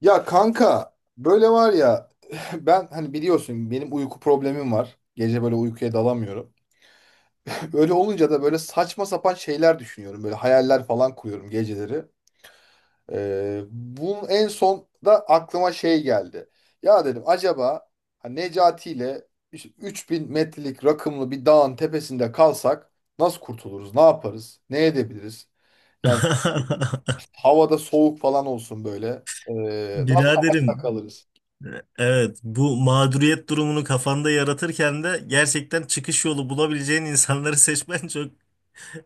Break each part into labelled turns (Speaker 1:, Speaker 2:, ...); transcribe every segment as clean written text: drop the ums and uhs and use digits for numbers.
Speaker 1: Ya kanka böyle var ya ben hani biliyorsun benim uyku problemim var. Gece böyle uykuya dalamıyorum. Öyle olunca da böyle saçma sapan şeyler düşünüyorum. Böyle hayaller falan kuruyorum geceleri. Bunun en son da aklıma şey geldi. Ya dedim acaba hani Necati ile işte 3000 metrelik rakımlı bir dağın tepesinde kalsak nasıl kurtuluruz? Ne yaparız? Ne edebiliriz? Yani havada soğuk falan olsun böyle. Nasıl hayatta
Speaker 2: Biraderim,
Speaker 1: kalırız?
Speaker 2: evet bu mağduriyet durumunu kafanda yaratırken de gerçekten çıkış yolu bulabileceğin insanları seçmen çok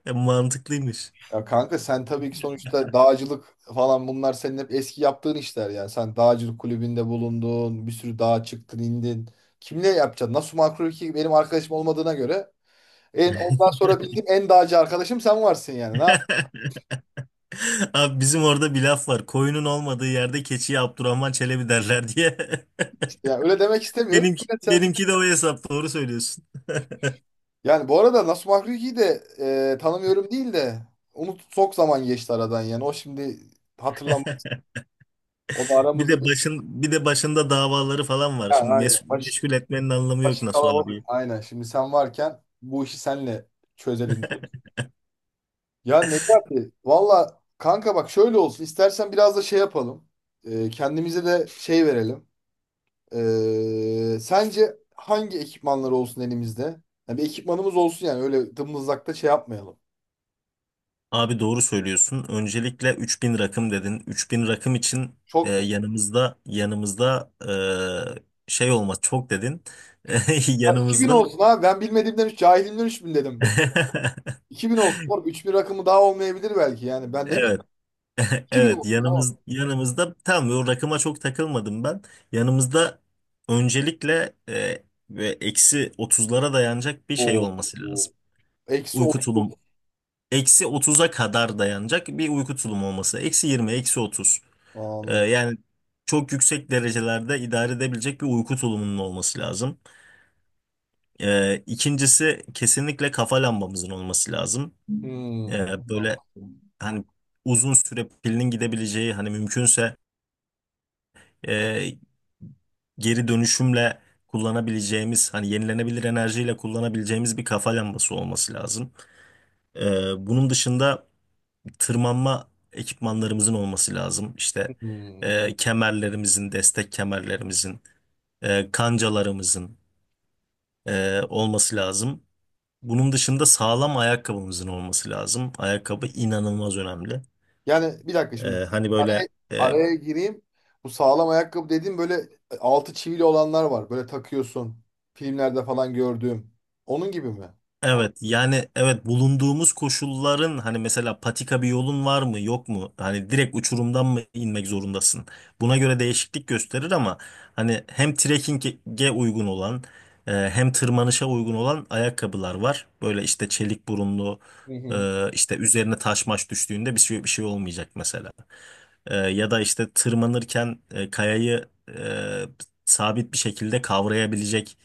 Speaker 2: mantıklıymış.
Speaker 1: Ya kanka sen tabii ki sonuçta dağcılık falan bunlar senin hep eski yaptığın işler yani. Sen dağcılık kulübünde bulundun, bir sürü dağa çıktın, indin. Kimle yapacaksın? Nasıl makro ki benim arkadaşım olmadığına göre en ondan sonra bildiğim en dağcı arkadaşım sen varsın yani. Ne yapmışsın
Speaker 2: Abi bizim orada bir laf var. Koyunun olmadığı yerde keçiye Abdurrahman Çelebi derler diye.
Speaker 1: yani? Öyle demek istemiyorum.
Speaker 2: Benimki,
Speaker 1: Yine sen
Speaker 2: benimki de o hesap, doğru söylüyorsun.
Speaker 1: yani bu arada Nasu Makruki'yi de tanımıyorum değil de unut çok zaman geçti aradan yani. O şimdi hatırlam o da
Speaker 2: Bir
Speaker 1: aramızda
Speaker 2: de başında davaları falan var.
Speaker 1: ha,
Speaker 2: Şimdi
Speaker 1: aynen.
Speaker 2: mes
Speaker 1: Baş,
Speaker 2: meşgul etmenin anlamı yok
Speaker 1: başı
Speaker 2: nasıl
Speaker 1: kalabalık.
Speaker 2: abi.
Speaker 1: Aynen. Şimdi sen varken bu işi senle çözelim. Ya Necati, valla kanka bak şöyle olsun. İstersen biraz da şey yapalım. Kendimize de şey verelim. Sence hangi ekipmanlar olsun elimizde? Ya bir ekipmanımız olsun yani öyle dımdızlakta şey yapmayalım.
Speaker 2: Abi doğru söylüyorsun. Öncelikle 3000 rakım dedin. 3000 rakım için e,
Speaker 1: Çok mu?
Speaker 2: yanımızda yanımızda şey olmaz çok dedin.
Speaker 1: Ya 2000
Speaker 2: Yanımızda
Speaker 1: olsun ha, ben bilmediğimden 3, cahilimden 3000 dedim be. 2000 olsun. Oğlum 3000 rakamı daha olmayabilir belki yani. Ben ne bileyim
Speaker 2: evet
Speaker 1: 2000
Speaker 2: evet
Speaker 1: olsun. Tamam.
Speaker 2: yanımızda tam o rakıma çok takılmadım ben. Yanımızda öncelikle ve eksi 30'lara dayanacak bir şey
Speaker 1: Oo.
Speaker 2: olması
Speaker 1: Oo.
Speaker 2: lazım.
Speaker 1: Eksi
Speaker 2: Uyku
Speaker 1: 30.
Speaker 2: tulum eksi 30'a kadar dayanacak bir uyku tulumu olması. Eksi 20, eksi 30. Ee,
Speaker 1: Anladım.
Speaker 2: yani çok yüksek derecelerde idare edebilecek bir uyku tulumunun olması lazım. İkincisi kesinlikle kafa lambamızın olması lazım.
Speaker 1: Hmm.
Speaker 2: Böyle,
Speaker 1: Tamam.
Speaker 2: hani uzun süre pilinin gidebileceği, hani mümkünse e, geri dönüşümle kullanabileceğimiz, hani yenilenebilir enerjiyle kullanabileceğimiz bir kafa lambası olması lazım. Ee, bunun dışında tırmanma ekipmanlarımızın olması lazım. İşte
Speaker 1: Hmm.
Speaker 2: kemerlerimizin, destek kemerlerimizin, kancalarımızın olması lazım. Bunun dışında sağlam ayakkabımızın olması lazım. Ayakkabı inanılmaz önemli.
Speaker 1: Yani bir dakika şimdi
Speaker 2: Hani
Speaker 1: araya,
Speaker 2: böyle.
Speaker 1: araya gireyim. Bu sağlam ayakkabı dediğim böyle altı çivili olanlar var. Böyle takıyorsun. Filmlerde falan gördüğüm. Onun gibi mi?
Speaker 2: Evet, yani evet bulunduğumuz koşulların, hani mesela patika bir yolun var mı yok mu? Hani direkt uçurumdan mı inmek zorundasın? Buna göre değişiklik gösterir ama hani hem trekkinge uygun olan, hem tırmanışa uygun olan ayakkabılar var. Böyle işte çelik burunlu,
Speaker 1: Hı hı.
Speaker 2: işte üzerine taş maş düştüğünde bir şey olmayacak mesela. Ya da işte tırmanırken kayayı sabit bir şekilde kavrayabilecek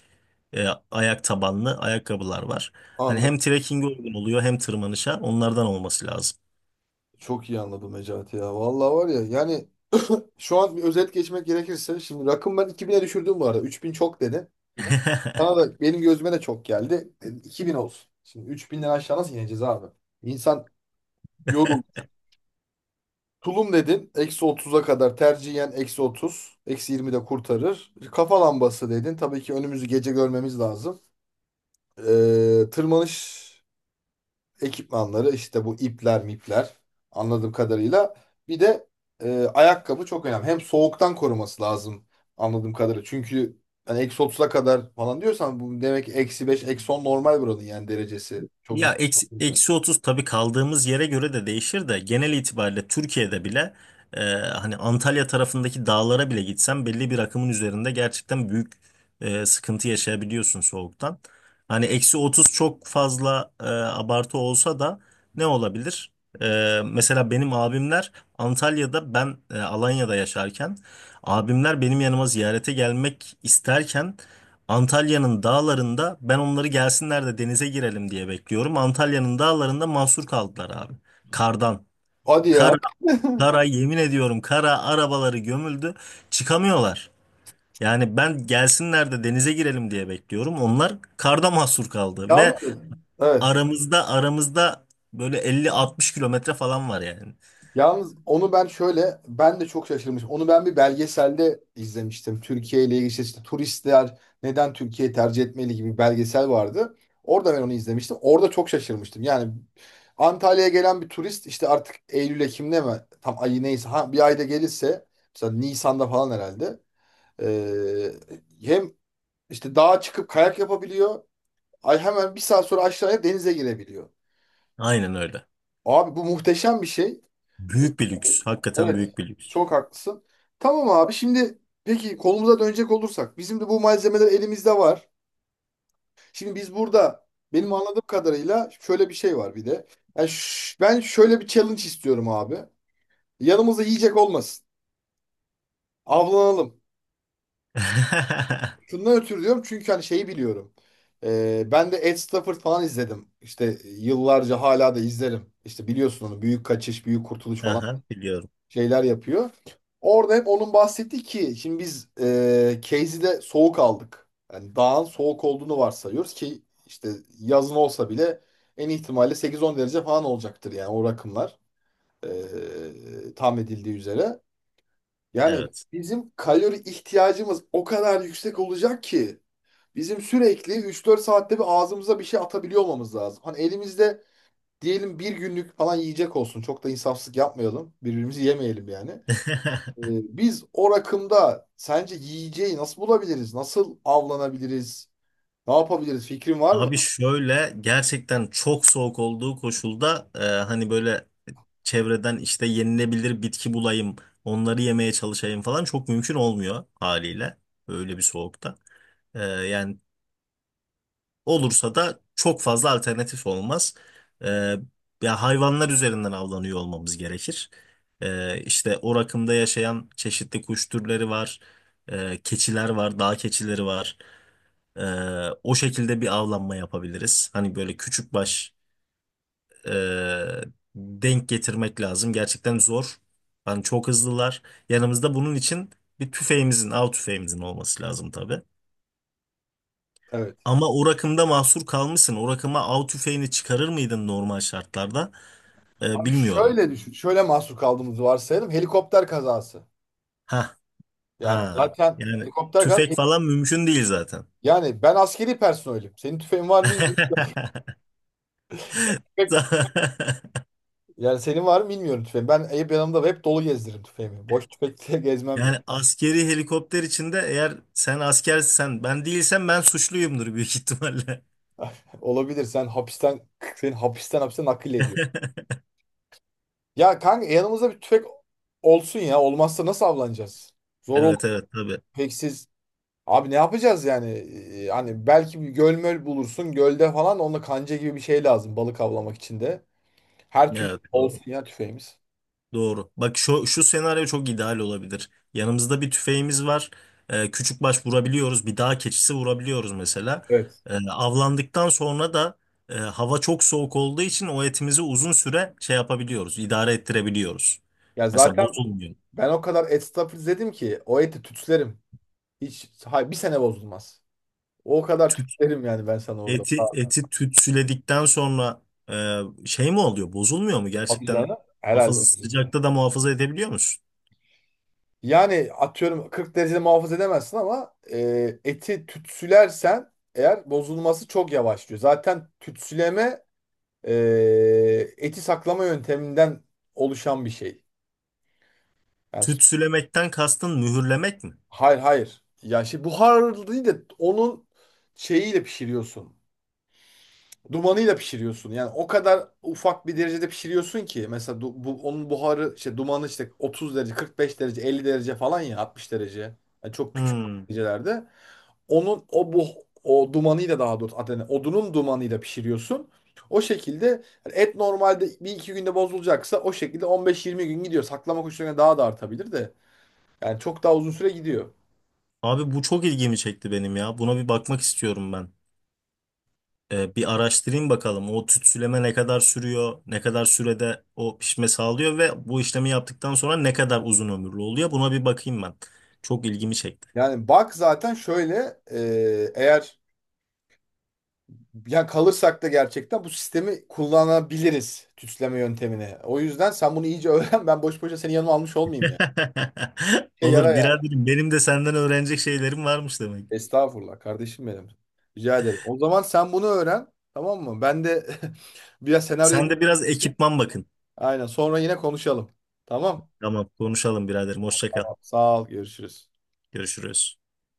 Speaker 2: ayak tabanlı ayakkabılar var. Hani hem
Speaker 1: Anladım.
Speaker 2: trekkinge uygun oluyor hem tırmanışa, onlardan olması lazım.
Speaker 1: Çok iyi anladım Necati ya. Vallahi var ya yani şu an bir özet geçmek gerekirse şimdi rakım ben 2000'e düşürdüm bu arada. 3000 çok dedi. Bana da benim gözüme de çok geldi. E, 2000 olsun. Şimdi 3000'den aşağı nasıl ineceğiz abi? İnsan yorulur. Tulum dedin. Eksi 30'a kadar tercihen eksi 30. Eksi 20 de kurtarır. Kafa lambası dedin. Tabii ki önümüzü gece görmemiz lazım. Tırmanış ekipmanları işte bu ipler mipler anladığım kadarıyla. Bir de ayakkabı çok önemli. Hem soğuktan koruması lazım anladığım kadarıyla. Çünkü hani eksi 30'a kadar falan diyorsan bu demek ki eksi 5 eksi 10 normal buranın yani derecesi. Çok
Speaker 2: Ya
Speaker 1: yüksek
Speaker 2: eksi,
Speaker 1: olduğu için.
Speaker 2: eksi otuz, tabii kaldığımız yere göre de değişir de genel itibariyle Türkiye'de bile, hani Antalya tarafındaki dağlara bile gitsen belli bir rakımın üzerinde gerçekten büyük sıkıntı yaşayabiliyorsun soğuktan. Hani eksi 30 çok fazla abartı olsa da ne olabilir? Mesela benim abimler Antalya'da, ben Alanya'da yaşarken, abimler benim yanıma ziyarete gelmek isterken Antalya'nın dağlarında, ben onları gelsinler de denize girelim diye bekliyorum. Antalya'nın dağlarında mahsur kaldılar abi. Kardan.
Speaker 1: Hadi ya.
Speaker 2: Kar Kara, yemin ediyorum kara, arabaları gömüldü, çıkamıyorlar. Yani ben gelsinler de denize girelim diye bekliyorum. Onlar karda mahsur kaldı ve
Speaker 1: Yalnız. Evet.
Speaker 2: aramızda böyle 50-60 kilometre falan var yani.
Speaker 1: Yalnız onu ben şöyle ben de çok şaşırmışım. Onu ben bir belgeselde izlemiştim. Türkiye ile ilgili işte turistler neden Türkiye'yi tercih etmeli gibi bir belgesel vardı. Orada ben onu izlemiştim. Orada çok şaşırmıştım. Yani Antalya'ya gelen bir turist işte artık Eylül Ekim'de mi tam ayı neyse ha, bir ayda gelirse mesela Nisan'da falan herhalde ee, hem işte dağa çıkıp kayak yapabiliyor. Ay hemen bir saat sonra aşağıya denize girebiliyor.
Speaker 2: Aynen öyle.
Speaker 1: Abi bu muhteşem bir şey.
Speaker 2: Büyük bir lüks. Hakikaten
Speaker 1: Evet,
Speaker 2: büyük bir lüks.
Speaker 1: çok haklısın. Tamam abi şimdi peki kolumuza dönecek olursak bizim de bu malzemeler elimizde var. Şimdi biz burada benim anladığım kadarıyla şöyle bir şey var bir de. Yani ben şöyle bir challenge istiyorum abi. Yanımızda yiyecek olmasın. Avlanalım. Şundan ötürü diyorum çünkü hani şeyi biliyorum. Ben de Ed Stafford falan izledim. İşte yıllarca hala da izlerim. İşte biliyorsun onu Büyük Kaçış, Büyük Kurtuluş falan
Speaker 2: Aha, biliyorum.
Speaker 1: şeyler yapıyor. Orada hep onun bahsettiği ki şimdi biz Casey'de soğuk aldık. Yani dağın soğuk olduğunu varsayıyoruz ki işte yazın olsa bile en ihtimalle 8-10 derece falan olacaktır yani o rakımlar tahmin edildiği üzere. Yani
Speaker 2: Evet.
Speaker 1: bizim kalori ihtiyacımız o kadar yüksek olacak ki bizim sürekli üç dört saatte bir ağzımıza bir şey atabiliyor olmamız lazım. Hani elimizde diyelim bir günlük falan yiyecek olsun. Çok da insafsızlık yapmayalım. Birbirimizi yemeyelim yani. Ee, Biz o rakımda sence yiyeceği nasıl bulabiliriz? Nasıl avlanabiliriz? Ne yapabiliriz? Fikrin var mı?
Speaker 2: Abi şöyle, gerçekten çok soğuk olduğu koşulda, hani böyle çevreden, işte yenilebilir bitki bulayım, onları yemeye çalışayım falan, çok mümkün olmuyor haliyle öyle bir soğukta. Yani olursa da çok fazla alternatif olmaz. E, ya hayvanlar üzerinden avlanıyor olmamız gerekir. E, işte o rakımda yaşayan çeşitli kuş türleri var, keçiler var, dağ keçileri var. Ee, o şekilde bir avlanma yapabiliriz. Hani böyle küçük baş, e, denk getirmek lazım. Gerçekten zor. Hani çok hızlılar. Yanımızda bunun için bir tüfeğimizin, av tüfeğimizin olması lazım tabii.
Speaker 1: Evet.
Speaker 2: Ama o rakımda mahsur kalmışsın. O rakıma av tüfeğini çıkarır mıydın normal şartlarda? Ee,
Speaker 1: Abi
Speaker 2: bilmiyorum.
Speaker 1: şöyle düşün. Şöyle mahsur kaldığımızı varsayalım. Helikopter kazası.
Speaker 2: Ha,
Speaker 1: Yani
Speaker 2: ha.
Speaker 1: zaten
Speaker 2: Yani
Speaker 1: helikopter kazası.
Speaker 2: tüfek falan mümkün değil zaten.
Speaker 1: Yani ben askeri personelim. Senin tüfeğin var mı bilmiyorum. Tüfek- yani senin var mı bilmiyorum tüfeğin. Ben hep yanımda hep dolu gezdiririm tüfeğimi. Boş tüfekle gezmem ya.
Speaker 2: Yani askeri helikopter içinde, eğer sen askersen ben değilsem, ben suçluyumdur büyük ihtimalle.
Speaker 1: Olabilir. Seni hapisten hapse nakil ediyor. Ya kanka yanımızda bir tüfek olsun ya. Olmazsa nasıl avlanacağız? Zor olur.
Speaker 2: Evet, evet, tabii.
Speaker 1: Tüfeksiz abi ne yapacağız yani? Hani belki bir göl möl bulursun. Gölde falan onunla kanca gibi bir şey lazım balık avlamak için de. Her türlü
Speaker 2: Evet, doğru.
Speaker 1: olsun ya tüfeğimiz.
Speaker 2: Doğru. Bak, şu senaryo çok ideal olabilir. Yanımızda bir tüfeğimiz var. Küçük baş vurabiliyoruz. Bir dağ keçisi vurabiliyoruz mesela.
Speaker 1: Evet.
Speaker 2: Avlandıktan sonra da, hava çok soğuk olduğu için o etimizi uzun süre şey yapabiliyoruz, idare ettirebiliyoruz.
Speaker 1: Ya
Speaker 2: Mesela
Speaker 1: zaten
Speaker 2: bozulmuyor.
Speaker 1: ben o kadar et stop dedim ki o eti tütslerim. Hiç hay bir sene bozulmaz. O kadar tütslerim yani ben sana orada.
Speaker 2: Eti
Speaker 1: Ha,
Speaker 2: eti tütsüledikten sonra e, şey mi oluyor? Bozulmuyor mu?
Speaker 1: tabii
Speaker 2: Gerçekten
Speaker 1: canım. Herhalde
Speaker 2: hafızı
Speaker 1: bozulmaz.
Speaker 2: sıcakta da muhafaza edebiliyor musun?
Speaker 1: Yani atıyorum 40 derecede muhafaza edemezsin ama eti tütsülersen eğer bozulması çok yavaşlıyor. Zaten tütsüleme e, eti saklama yönteminden oluşan bir şey. Yani, s-
Speaker 2: Tütsülemekten kastın mühürlemek mi?
Speaker 1: hayır hayır. Ya şimdi buharlı değil de onun şeyiyle pişiriyorsun. Dumanıyla pişiriyorsun. Yani o kadar ufak bir derecede pişiriyorsun ki mesela bu, onun buharı işte dumanı işte 30 derece, 45 derece, 50 derece falan ya 60 derece. Yani çok küçük
Speaker 2: Hmm.
Speaker 1: derecelerde. Onun o dumanıyla daha doğrusu adını odunun dumanıyla pişiriyorsun. O şekilde hani et normalde bir iki günde bozulacaksa o şekilde 15-20 gün gidiyor. Saklama koşullarına daha da artabilir de. Yani çok daha uzun süre gidiyor.
Speaker 2: Abi bu çok ilgimi çekti benim ya. Buna bir bakmak istiyorum ben. Bir araştırayım bakalım. O tütsüleme ne kadar sürüyor? Ne kadar sürede o pişme sağlıyor ve bu işlemi yaptıktan sonra ne kadar uzun ömürlü oluyor? Buna bir bakayım ben. Çok ilgimi çekti.
Speaker 1: Yani bak zaten şöyle eğer yani kalırsak da gerçekten bu sistemi kullanabiliriz tüsleme yöntemini. O yüzden sen bunu iyice öğren. Ben boş boşa seni yanıma almış olmayayım ya. Yani. Yarar
Speaker 2: Olur
Speaker 1: yani.
Speaker 2: biraderim. Benim de senden öğrenecek şeylerim varmış demek.
Speaker 1: Estağfurullah kardeşim benim. Rica ederim. O zaman sen bunu öğren. Tamam mı? Ben de biraz senaryo...
Speaker 2: Sen de biraz ekipman bakın.
Speaker 1: Aynen. Sonra yine konuşalım. Tamam.
Speaker 2: Tamam, konuşalım biraderim. Hoşça kal.
Speaker 1: Sağ ol. Görüşürüz.
Speaker 2: Görüşürüz.